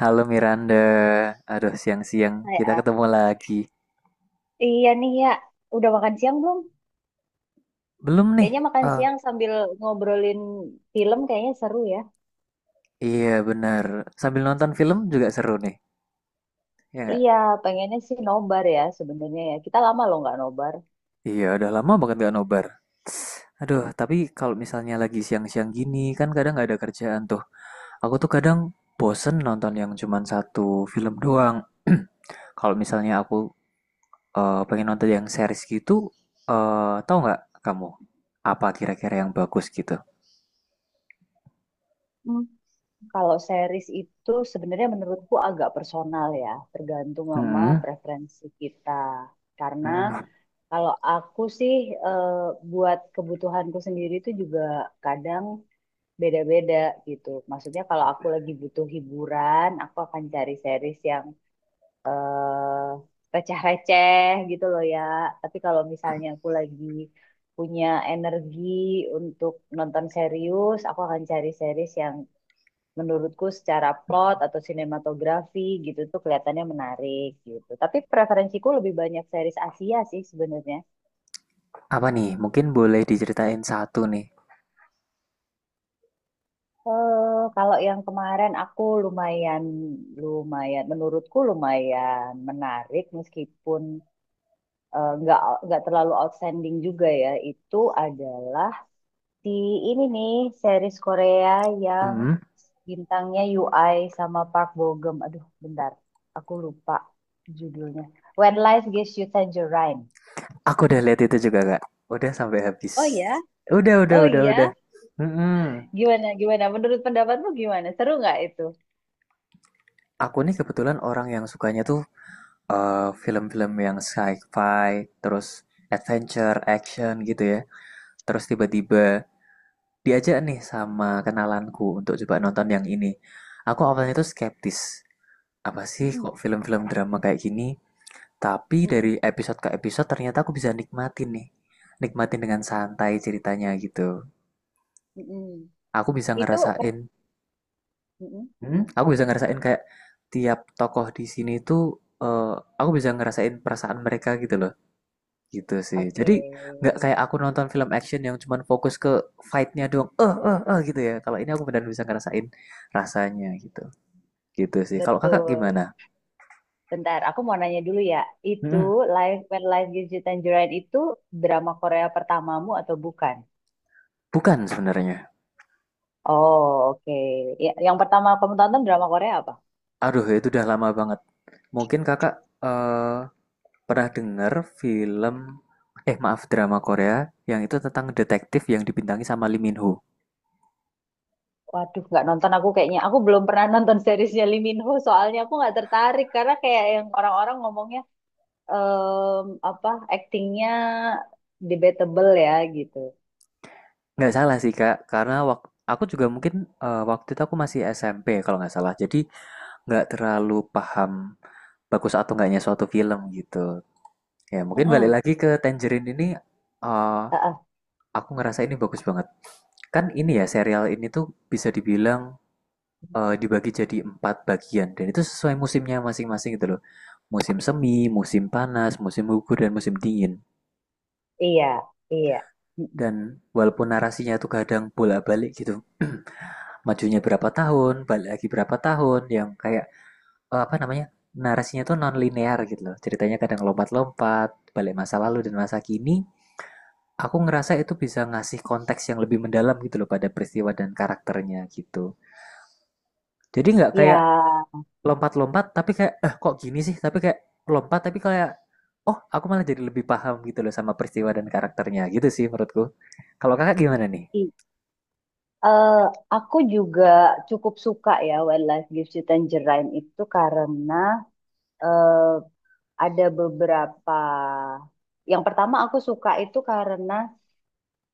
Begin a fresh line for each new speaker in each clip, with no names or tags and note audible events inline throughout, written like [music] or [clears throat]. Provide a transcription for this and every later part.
Halo Miranda, aduh siang-siang
Hai.
kita
Ah,
ketemu lagi.
ya. Iya nih ya, udah makan siang belum?
Belum nih?
Kayaknya makan
Eh,
siang sambil ngobrolin film kayaknya seru ya.
iya benar. Sambil nonton film juga seru nih, ya nggak?
Iya, pengennya sih nobar ya sebenarnya ya. Kita lama loh nggak nobar.
Iya, udah lama banget gak nobar. Tss, aduh, tapi kalau misalnya lagi siang-siang gini kan kadang nggak ada kerjaan tuh. Aku tuh kadang bosen nonton yang cuman satu film doang. [clears throat] Kalau misalnya aku pengen nonton yang series gitu, eh tahu nggak kamu apa kira-kira yang bagus gitu?
Hmm, Kalau series itu sebenarnya menurutku agak personal ya, tergantung sama
Mm-mm.
preferensi kita. Karena
Mm-mm.
kalau aku sih eh, buat kebutuhanku sendiri itu juga kadang beda-beda gitu. Maksudnya kalau aku lagi butuh hiburan, aku akan cari series yang eh receh-receh gitu loh ya. Tapi kalau misalnya aku lagi punya energi untuk nonton serius, aku akan cari series yang menurutku secara plot atau sinematografi gitu tuh kelihatannya menarik gitu. Tapi preferensiku lebih banyak series Asia sih sebenarnya.
Apa nih? Mungkin boleh diceritain satu nih.
Kalau yang kemarin aku lumayan, menurutku lumayan menarik meskipun nggak terlalu outstanding juga ya. Itu adalah di ini nih series Korea yang
Hmm,
bintangnya UI sama Park Bo Gum. Aduh, bentar. Aku lupa judulnya. When Life Gives You Tangerine.
aku udah lihat itu juga Kak. Udah sampai
Oh
habis.
ya, oh
Udah, udah.
iya.
Hmm,
Gimana, gimana? Menurut pendapatmu gimana? Seru nggak itu?
aku nih kebetulan orang yang sukanya tuh film-film yang sci-fi, terus adventure, action gitu ya. Terus tiba-tiba diajak nih sama kenalanku untuk coba nonton yang ini. Aku awalnya tuh skeptis. Apa sih
Mm-mm,
kok film-film drama kayak gini? Tapi dari
mm-mm,
episode ke episode ternyata aku bisa nikmatin nih. Nikmatin dengan santai ceritanya gitu.
mm-mm.
Aku bisa
Itu per...
ngerasain,
Mm-mm.
aku bisa ngerasain kayak tiap tokoh di sini tuh eh, aku bisa ngerasain perasaan mereka gitu loh. Gitu sih.
Oke,
Jadi nggak kayak aku nonton film action yang cuman fokus ke fight-nya doang. Eh eh eh gitu ya. Kalau ini aku benar benar bisa ngerasain rasanya gitu. Gitu sih. Kalau kakak
betul.
gimana?
Bentar, aku mau nanya dulu ya. Itu
mm
When Life Gives You Tangerine itu drama Korea pertamamu atau bukan?
Bukan sebenarnya.
Oh, oke. Ya, yang pertama kamu tonton drama Korea apa?
Aduh, itu udah lama banget. Mungkin kakak eh pernah denger film eh maaf drama Korea yang itu tentang detektif yang dibintangi sama Lee Min Ho.
Waduh, nggak nonton aku kayaknya. Aku belum pernah nonton seriesnya Lee Min Ho, soalnya aku nggak tertarik karena kayak yang orang-orang ngomongnya apa actingnya debatable ya gitu.
Nggak salah sih Kak, karena aku juga mungkin waktu itu aku masih SMP kalau nggak salah. Jadi nggak terlalu paham bagus atau nggaknya suatu film gitu. Ya mungkin balik
Mm-mm.
lagi ke Tangerine ini, eh,
Ah, ah,
aku ngerasa ini bagus banget. Kan ini ya serial ini tuh bisa dibilang dibagi jadi empat bagian dan itu sesuai musimnya masing-masing gitu loh. Musim semi, musim panas, musim gugur, dan musim dingin.
iya, iya. Mm-mm.
Dan walaupun narasinya tuh kadang bolak-balik gitu, [clears throat] majunya berapa tahun, balik lagi berapa tahun, yang kayak apa namanya, narasinya tuh non linear gitu loh. Ceritanya kadang lompat-lompat, balik masa lalu dan masa kini. Aku ngerasa itu bisa ngasih konteks yang lebih mendalam gitu loh pada peristiwa dan karakternya gitu. Jadi nggak
Ya,
kayak lompat-lompat tapi kayak eh kok gini sih tapi kayak lompat tapi kayak oh aku malah jadi lebih paham gitu loh sama peristiwa dan karakternya gitu sih menurutku. Kalau kakak gimana nih?
Eh, aku juga cukup suka ya Wildlife Gives You Tangerine itu karena eh, ada beberapa. Yang pertama aku suka itu karena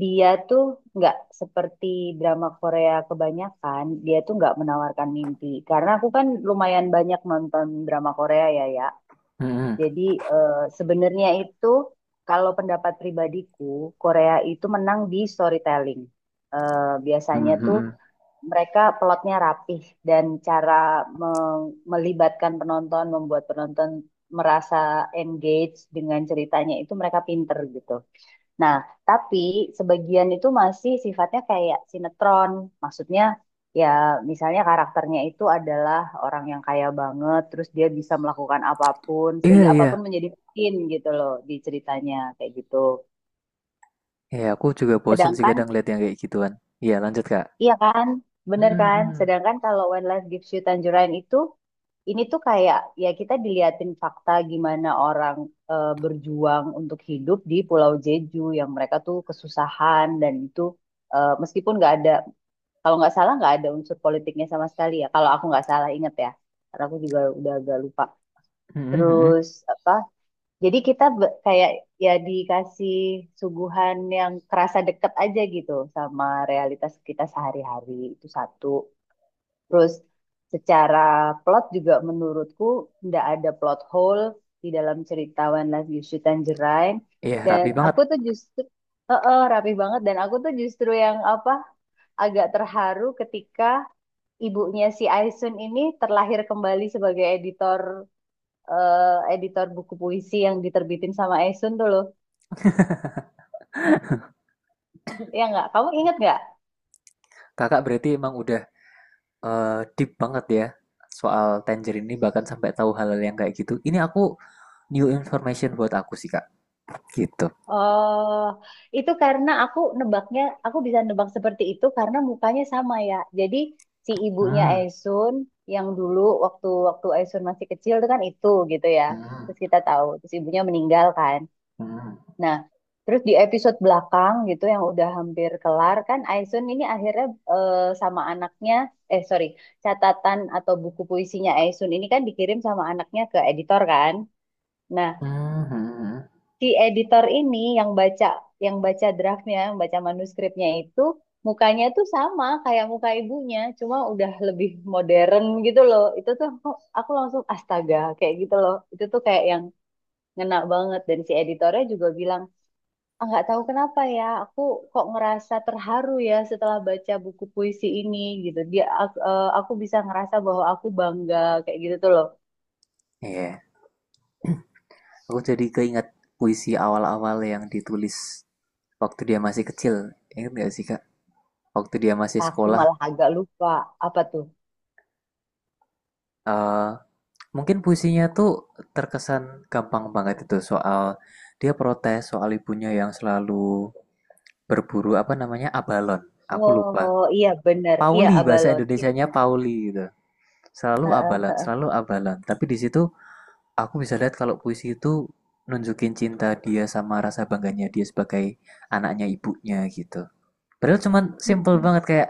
dia tuh nggak seperti drama Korea kebanyakan, dia tuh nggak menawarkan mimpi. Karena aku kan lumayan banyak nonton drama Korea ya ya.
Mm-mm.
Jadi eh, sebenarnya itu kalau pendapat pribadiku Korea itu menang di storytelling. Eh, Biasanya tuh
Mm-mm.
mereka plotnya rapih dan cara meng- melibatkan penonton, membuat penonton merasa engage dengan ceritanya itu mereka pinter gitu. Nah, tapi sebagian itu masih sifatnya kayak sinetron. Maksudnya ya misalnya karakternya itu adalah orang yang kaya banget, terus dia bisa melakukan apapun
Iya
sehingga
iya,
apapun menjadi mungkin gitu loh di ceritanya kayak gitu.
iya aku juga bosen sih kadang
Sedangkan
lihat yang kayak gituan. Iya lanjut kak.
Iya kan? Bener kan?
Mm-mm.
Sedangkan kalau When Life Gives You Tangerine itu, ini tuh kayak ya kita diliatin fakta gimana orang berjuang untuk hidup di Pulau Jeju yang mereka tuh kesusahan. Dan itu meskipun nggak ada, kalau nggak salah nggak ada unsur politiknya sama sekali ya. Kalau aku nggak salah inget ya, karena aku juga udah agak lupa.
Mm-mm.
Terus apa? Jadi kita kayak ya dikasih suguhan yang kerasa deket aja gitu sama realitas kita sehari-hari itu satu. Terus secara plot juga menurutku nggak ada plot hole di dalam cerita One Love You Tangerine.
Iya
Dan
rapi banget.
aku tuh justru rapi banget, dan aku tuh justru yang apa agak terharu ketika ibunya si Aisun ini terlahir kembali sebagai editor buku puisi yang diterbitin sama Esun tuh loh. Ya nggak? Kamu inget nggak?
Kakak berarti emang udah eh, deep banget ya soal Tangerine ini, bahkan sampai tahu hal-hal yang kayak gitu. Ini aku new information buat aku sih kak gitu.
Oh, itu karena aku nebaknya, aku bisa nebak seperti itu karena mukanya sama ya. Jadi si ibunya
Hmm.
Esun yang dulu waktu waktu Esun masih kecil itu kan itu gitu ya.
Hmm.
Terus kita tahu, terus ibunya meninggal kan.
Hmm.
Nah, terus di episode belakang gitu yang udah hampir kelar kan Aisun ini akhirnya eh, sama anaknya, sorry, catatan atau buku puisinya Aisun ini kan dikirim sama anaknya ke editor kan. Nah,
Mhm.
si editor ini yang baca draftnya, yang baca manuskripnya itu, mukanya tuh sama kayak muka ibunya, cuma udah lebih modern gitu loh. Itu tuh aku langsung astaga kayak gitu loh. Itu tuh kayak yang ngena banget, dan si editornya juga bilang, "Ah, nggak tahu kenapa ya, aku kok ngerasa terharu ya setelah baca buku puisi ini," gitu dia. Aku bisa ngerasa bahwa aku bangga, kayak gitu tuh loh.
Iya, aku jadi keinget puisi awal-awal yang ditulis waktu dia masih kecil. Ingat gak sih, Kak? Waktu dia masih
Ah, aku
sekolah,
malah agak lupa apa tuh.
eh mungkin puisinya tuh terkesan gampang banget. Itu soal dia protes soal ibunya yang selalu berburu apa namanya abalon. Aku lupa.
Oh iya, bener. Iya,
Pauli bahasa
abalon. Iya,
Indonesianya
bener.
Pauli gitu. Selalu
Heeh,
abalon,
heeh.
selalu abalon. Tapi di situ aku bisa lihat kalau puisi itu nunjukin cinta dia sama rasa bangganya dia sebagai anaknya ibunya gitu. Padahal cuman simple
Mm-mm.
banget, kayak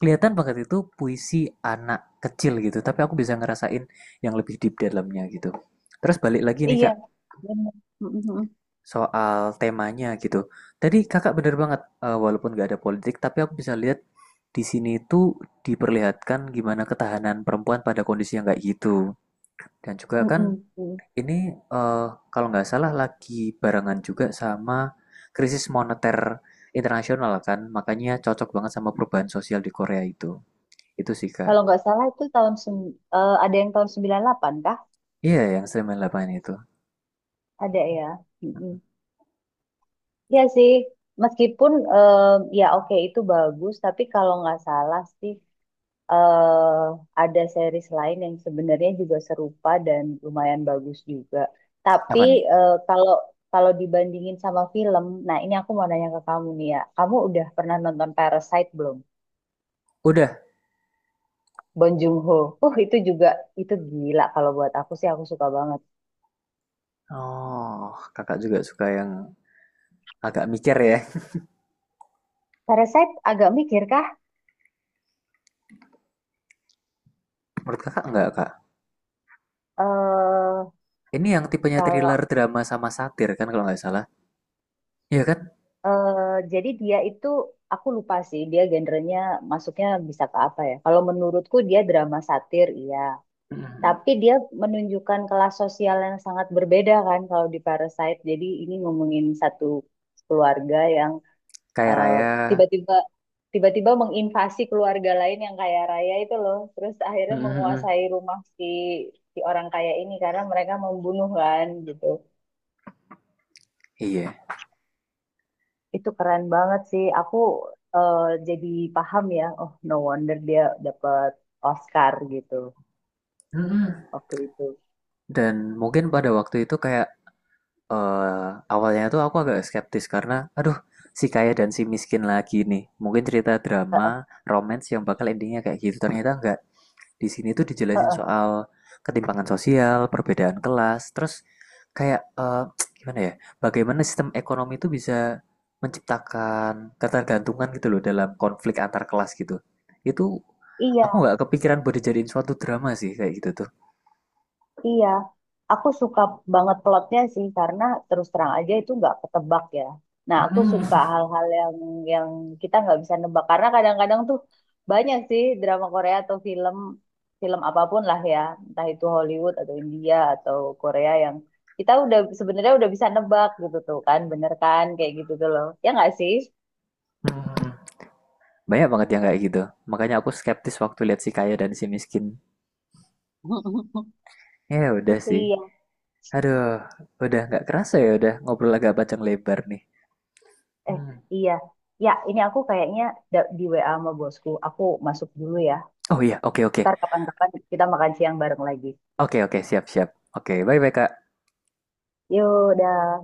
kelihatan banget itu puisi anak kecil gitu, tapi aku bisa ngerasain yang lebih deep di dalamnya gitu. Terus balik lagi nih
Iya,
Kak,
bener. Mm-mm.
soal temanya gitu. Tadi Kakak bener banget, eh, walaupun gak ada politik, tapi aku bisa lihat di sini itu diperlihatkan gimana ketahanan perempuan pada kondisi yang kayak gitu. Dan juga kan
Mm-mm.
ini, eee, kalau nggak salah lagi barengan juga sama krisis moneter internasional kan, makanya cocok banget sama perubahan sosial di Korea itu. Itu sih,
Kalau
Kak.
nggak salah itu ada yang tahun 98 kah.
Iya, yang 98 itu.
Ada ya. Mm-mm. Iya sih. Meskipun ya oke itu bagus, tapi kalau nggak salah sih eh ada series lain yang sebenarnya juga serupa dan lumayan bagus juga. Tapi
Apa nih?
kalau kalau dibandingin sama film, nah ini aku mau nanya ke kamu nih ya. Kamu udah pernah nonton Parasite belum?
Udah?
Bong Joon-ho. Itu juga itu gila kalau buat aku sih, aku suka banget.
Oh, Kakak juga suka yang agak mikir ya.
Parasite agak mikir kah?
Menurut Kakak enggak, Kak?
Eh
Ini yang tipenya
kalau
thriller, drama, sama satir kan kalau nggak salah? Iya kan?
eh jadi dia itu, aku lupa sih dia genrenya masuknya bisa ke apa ya. Kalau menurutku dia drama satir, iya.
Mhm, mhm.
Tapi dia menunjukkan kelas sosial yang sangat berbeda kan kalau di Parasite. Jadi ini ngomongin satu keluarga yang
Kaya
eh,
raya,
tiba-tiba tiba-tiba menginvasi keluarga lain yang kaya raya itu loh. Terus akhirnya
mhm mhm,
menguasai rumah si si orang kaya ini karena mereka membunuh kan gitu.
iya,
Itu keren banget sih. Eh, jadi paham ya. Oh, no wonder dia dapat Oscar gitu
mhm.
waktu itu.
Dan mungkin pada waktu itu kayak eh awalnya tuh aku agak skeptis karena, aduh, si kaya dan si miskin lagi nih. Mungkin cerita drama, romance yang bakal endingnya kayak gitu. Ternyata enggak. Di sini tuh dijelasin
[laughs]
soal ketimpangan sosial, perbedaan kelas, terus kayak gimana ya? Bagaimana sistem ekonomi itu bisa menciptakan ketergantungan gitu loh dalam konflik antar kelas gitu. Itu aku
Iya.
nggak kepikiran buat dijadiin suatu drama sih kayak gitu tuh.
Iya, aku suka banget plotnya sih karena terus terang aja itu nggak ketebak ya. Nah, aku
Mm-mm.
suka hal-hal yang kita nggak bisa nebak, karena kadang-kadang tuh banyak sih drama Korea atau film film apapun lah ya, entah itu Hollywood atau India atau Korea yang kita sebenarnya udah bisa nebak gitu tuh kan, bener kan kayak gitu tuh loh. Ya nggak sih?
Mm-mm. Banyak banget yang kayak gitu. Makanya aku skeptis waktu lihat si kaya dan si miskin.
[laughs]
Ya udah sih.
Iya,
Aduh, udah nggak kerasa ya udah ngobrol agak panjang lebar nih.
eh
Hmm.
iya. Ya, ini aku kayaknya di WA sama bosku. Aku masuk dulu ya.
Oh iya, oke oke.
Ntar kapan-kapan kita makan siang bareng lagi.
Oke oke, siap siap. Oke, bye bye Kak.
Yuk, dah.